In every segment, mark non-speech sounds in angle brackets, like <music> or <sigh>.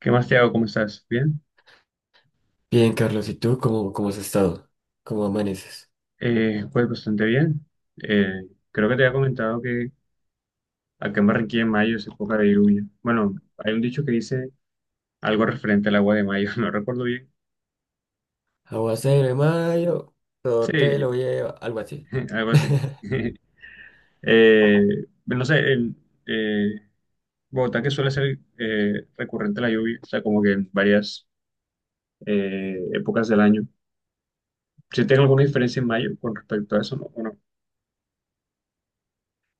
¿Qué más, Thiago? ¿Cómo estás? ¿Bien? Bien, Carlos, ¿y tú cómo has estado? ¿Cómo amaneces? Pues bastante bien. Eh, creo que te había comentado que acá en Barranquilla en mayo es época de lluvia. Bueno, hay un dicho que dice algo referente al agua de mayo, <laughs> no recuerdo bien. Aguacero de mayo, Sí, todo te lo lleva, algo así. <laughs> algo así. <laughs> <laughs> Eh, no sé, en eh, Bogotá que suele ser recurrente la lluvia, o sea, como que en varias épocas del año. ¿Si tiene alguna diferencia en mayo con respecto a eso, no? ¿O no?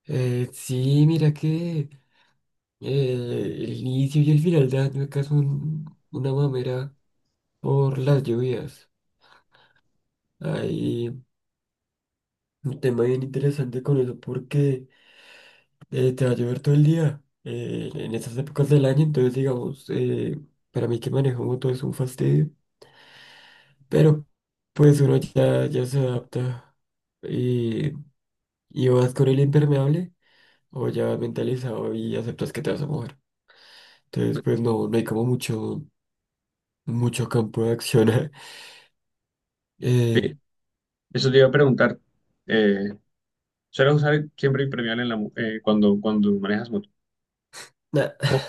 Sí, mira que eh, el inicio y el final de año acá son una mamera por las lluvias. Hay un tema bien interesante con eso porque te va a llover todo el día en estas épocas del año, entonces digamos, para mí que manejo moto es un fastidio. Pero pues uno ya se adapta y, y vas con el impermeable o ya vas mentalizado y aceptas que te vas a mojar. Entonces pues no hay como mucho campo de acción. <laughs> eh, Bien, eso te iba a preguntar. Eh, Sueles usar siempre impermeable cuando, cuando manejas moto. nada, No,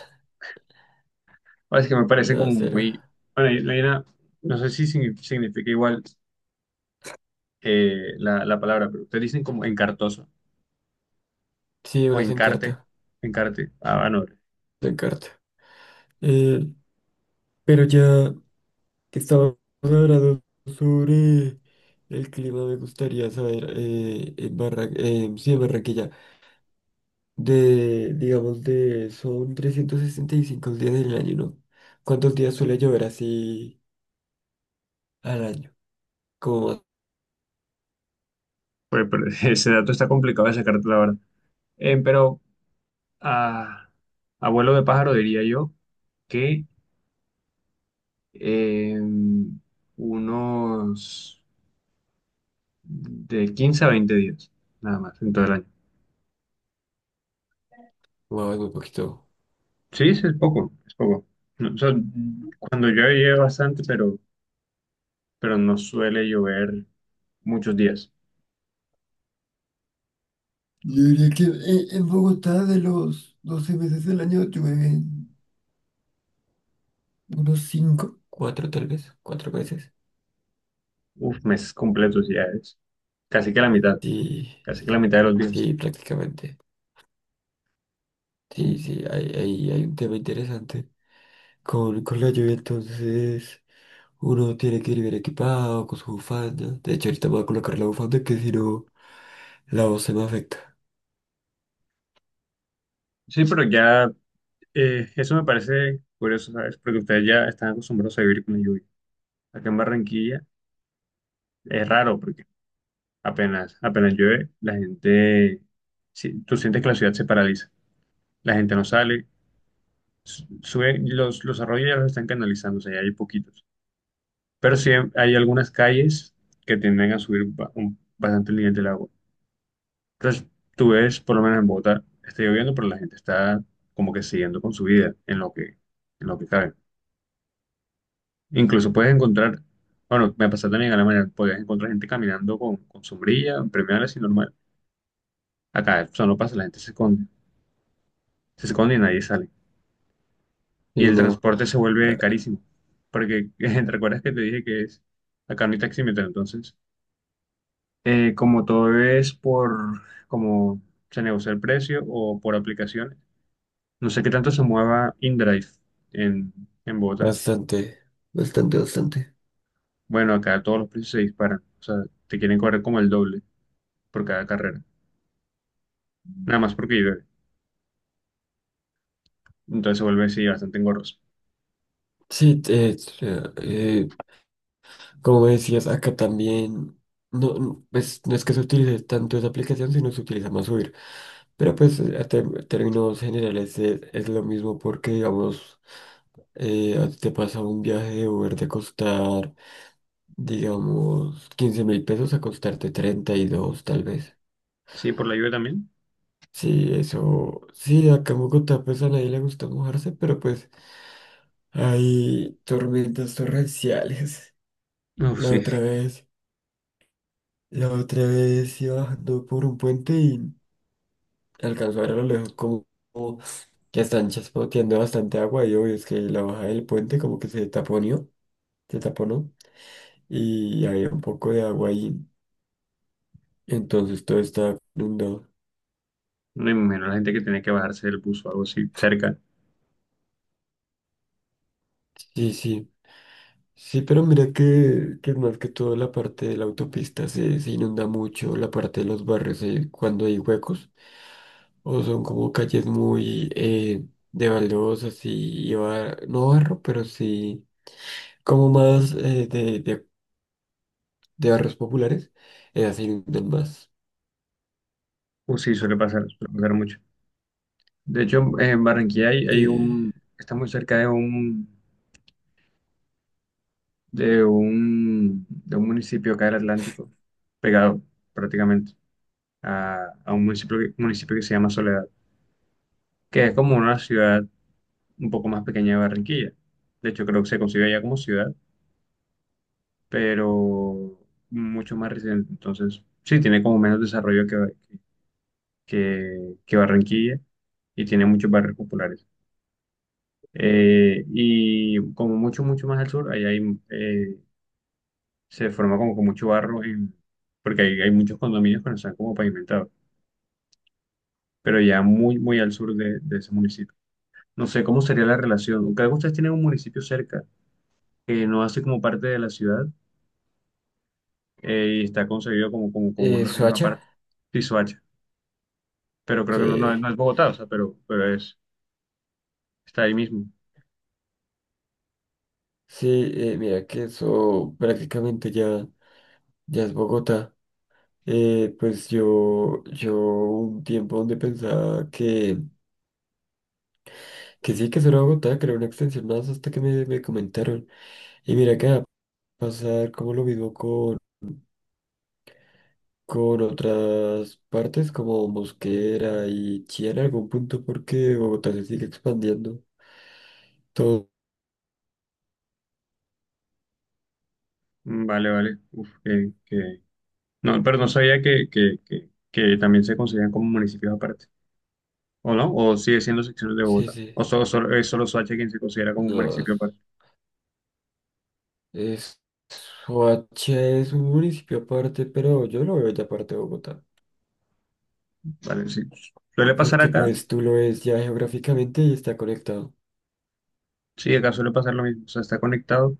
es que me parece nada, como cero. muy... Bueno, no sé si significa igual, la palabra, pero ustedes dicen como encartoso Sí, o uno se encarte, encarta, encarte. Ah, bueno, se encarta. Eh, pero ya que estamos hablando sobre el clima, me gustaría saber sí, en Barranquilla. Digamos, son 365 días del año, ¿no? ¿Cuántos días suele llover así al año? Como más- pues, pero <laughs> ese dato está complicado de sacarte, la verdad. Pero a abuelo de pájaro diría yo que eh, unos de 15 a 20 días, nada más, en todo el año. wow, es muy poquito. Sí, sí, es poco, es poco. No, o sea, cuando llueve, llueve bastante, pero no suele llover muchos días. Yo diría que en Bogotá de los 12 meses del año llueven unos 5 4 tal vez, 4 meses. Uf, meses completos ya es. Casi que la mitad, Sí, casi que sí, la mitad de los días. sí, prácticamente. Uf. Sí, sí, hay un tema interesante con la lluvia, entonces uno tiene que ir bien equipado, con su bufanda. De hecho, ahorita me voy a colocar la bufanda que si no. La voz se me afecta. Sí, pero ya eso me parece curioso, ¿sabes? Porque ustedes ya están acostumbrados a vivir con la lluvia. Acá en Barranquilla es raro porque apenas, apenas llueve, la gente, sí, tú sientes que la ciudad se paraliza. La gente no sale, sube los arroyos, ya los están canalizando, o sea, ya hay poquitos, pero sí hay algunas calles que tienden a subir bastante el nivel del agua. Entonces, tú ves, por lo menos en Bogotá, está lloviendo, pero la gente está como que siguiendo con su vida en lo que cabe. Incluso puedes encontrar, bueno, me pasa también a la mañana, puedes encontrar gente caminando con sombrilla, premiales, y normal. Acá eso no pasa, la gente se esconde, se esconde, y nadie sale. Y Y el no, transporte se eh, vuelve carísimo, porque <laughs> ¿te acuerdas que te dije que es acá no hay taxímetro? Entonces, como todo es por como se negocia el precio o por aplicaciones, no sé qué tanto se mueva InDrive en, en Bogotá. bastante, bastante, bastante. Bueno, acá todos los precios se disparan, o sea, te quieren cobrar como el doble por cada carrera, nada más porque llueve. Entonces se vuelve, sí, bastante engorroso. Sí, eh, como me decías, acá también, no, no, pues, no es que se utilice tanto esa aplicación, sino se utiliza más Uber. Pero pues términos generales es lo mismo porque, digamos, a ti te pasa un viaje de Uber de costar, digamos, 15.000 pesos a costarte 32, tal vez. Sí, por la lluvia también. Sí, eso, sí, acá en Bogotá pues a nadie le gusta mojarse. Hay tormentas torrenciales. Uf, La sí, otra vez, la otra vez, iba bajando por un puente y alcanzó a ver a lo lejos como que están chaspoteando bastante agua y obvio es que la baja del puente como que se taponió, se taponó y había un poco de agua ahí. Entonces todo estaba inundado. no me imagino la gente que tiene que bajarse del bus o algo así cerca. Sí, sí. Sí, pero mira que más que todo la parte de la autopista se inunda mucho, la parte de los barrios, cuando hay huecos. O son como calles muy de baldosas y no barro, pero sí como más de barrios populares, así inundan más. Uf, sí, suele pasar mucho. De hecho, en Barranquilla hay Eh, un, está muy cerca de un de un, de un municipio acá del Atlántico, pegado prácticamente a un municipio, municipio que se llama Soledad, que es como una ciudad un poco más pequeña de Barranquilla. De hecho, creo que se concibe ya como ciudad, pero mucho más reciente. Entonces, sí, tiene como menos desarrollo que Barranquilla, y tiene muchos barrios populares. Y como mucho, mucho más al sur, ahí hay se forma como con mucho barro porque hay muchos condominios que no están como pavimentados, pero ya muy, muy al sur de ese municipio. No sé cómo sería la relación. Cada, ustedes tienen un municipio cerca que no hace como parte de la ciudad, y está concebido como, como, como una región Soacha, aparte, sí, Soacha. Pero creo que no, no es, sí, no es Bogotá, o sea, pero es, está ahí mismo. sí, mira que eso prácticamente ya es Bogotá. Pues yo un tiempo donde pensaba que sí, que eso era Bogotá, que era una extensión más hasta que me comentaron. Y mira que va a pasar como lo mismo con otras partes como Mosquera y Chía en algún punto porque Bogotá se sigue expandiendo. Todo. Mm, vale, vale. Uf. No, pero no sabía que también se consideran como municipios aparte. ¿O no? ¿O sigue siendo secciones de Sí, Bogotá? sí. ¿O solo, es solo Soacha quien se considera como un No, municipio aparte? es- Soacha es un municipio aparte, pero yo lo veo ya aparte de Bogotá. Vale, sí. Y Suele pasar porque acá, pues tú lo ves ya geográficamente y está conectado. sí, acá suele pasar lo mismo, o sea, está conectado, o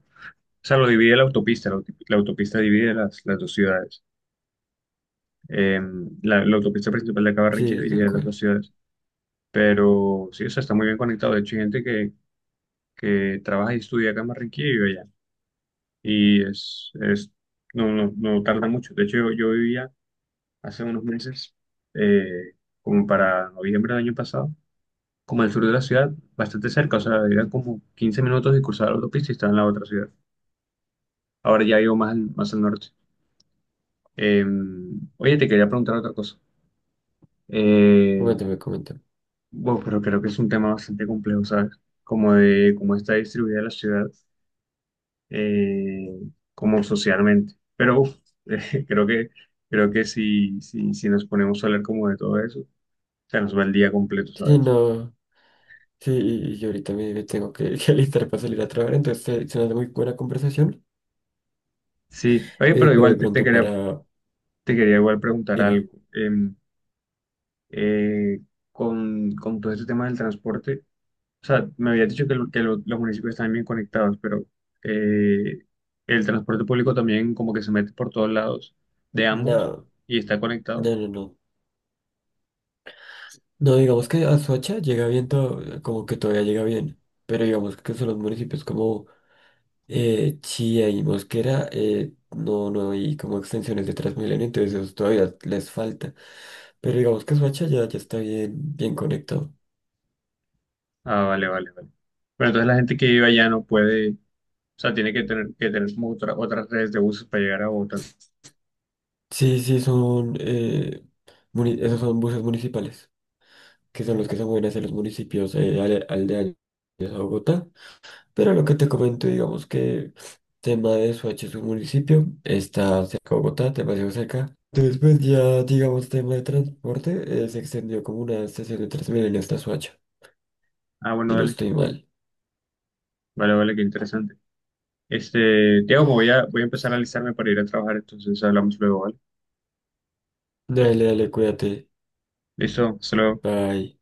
sea, lo divide la autopista, la autopista divide las dos ciudades. Eh, la autopista principal de acá, Barranquilla, Sí, tal divide las cual. dos ciudades, pero sí, o sea, está muy bien conectado. De hecho, hay gente que trabaja y estudia acá en Barranquilla y vive allá, y es no, no, no tarda mucho. De hecho, yo vivía hace unos meses, eh, como para noviembre del año pasado, como al sur de la ciudad, bastante cerca, o sea, eran como 15 minutos de cruzar la autopista y estaba en la otra ciudad. Ahora ya vivo más al norte. Eh, oye, te quería preguntar otra cosa. Eh, Coméntame, coméntame. bueno, pero creo que es un tema bastante complejo, ¿sabes? Como de cómo está distribuida la ciudad, eh, como socialmente. Pero uf, <laughs> eh, creo que, creo que si, si, si nos ponemos a hablar como de todo eso, se nos va el día completo, Sí, ¿sabes? no. Sí, y yo ahorita me tengo que, <laughs> que alistar para salir a trabajar, entonces se me hace muy buena conversación. Sí, oye, pero Pero de igual te, te pronto quería, para. te quería igual preguntar Dime. algo. Eh, con todo este tema del transporte. O sea, me había dicho que los municipios están bien conectados, pero eh, el transporte público también como que se mete por todos lados de ambos No. y está conectado. No, no, no. No, digamos que Azuacha llega bien, como que todavía llega bien, pero digamos que son los municipios como Chía y Mosquera, no hay como extensiones de Transmilenio, entonces eso todavía les falta. Pero digamos que Azuacha ya está bien, bien conectado. Ah, vale, vale, vale. Pero entonces la gente que vive allá no puede, o sea, tiene que tener como otras redes de buses para llegar a Bogotá. Sí, sí, son, esos son buses municipales, que son los que se mueven hacia los municipios aldeanos a Bogotá, pero lo que te comento, digamos que tema de Soacha es un municipio, está cerca de Bogotá, demasiado cerca. Entonces, pues ya, digamos, tema de transporte, se extendió como una estación de Transmilenio hasta Soacha, Ah, bueno, si no dale. estoy mal. Vale, vale, qué interesante. Este, Tiago, me voy a empezar a alistarme para ir a trabajar, entonces hablamos luego, ¿vale? Dale, dale, cuídate. Listo, hasta luego. Bye.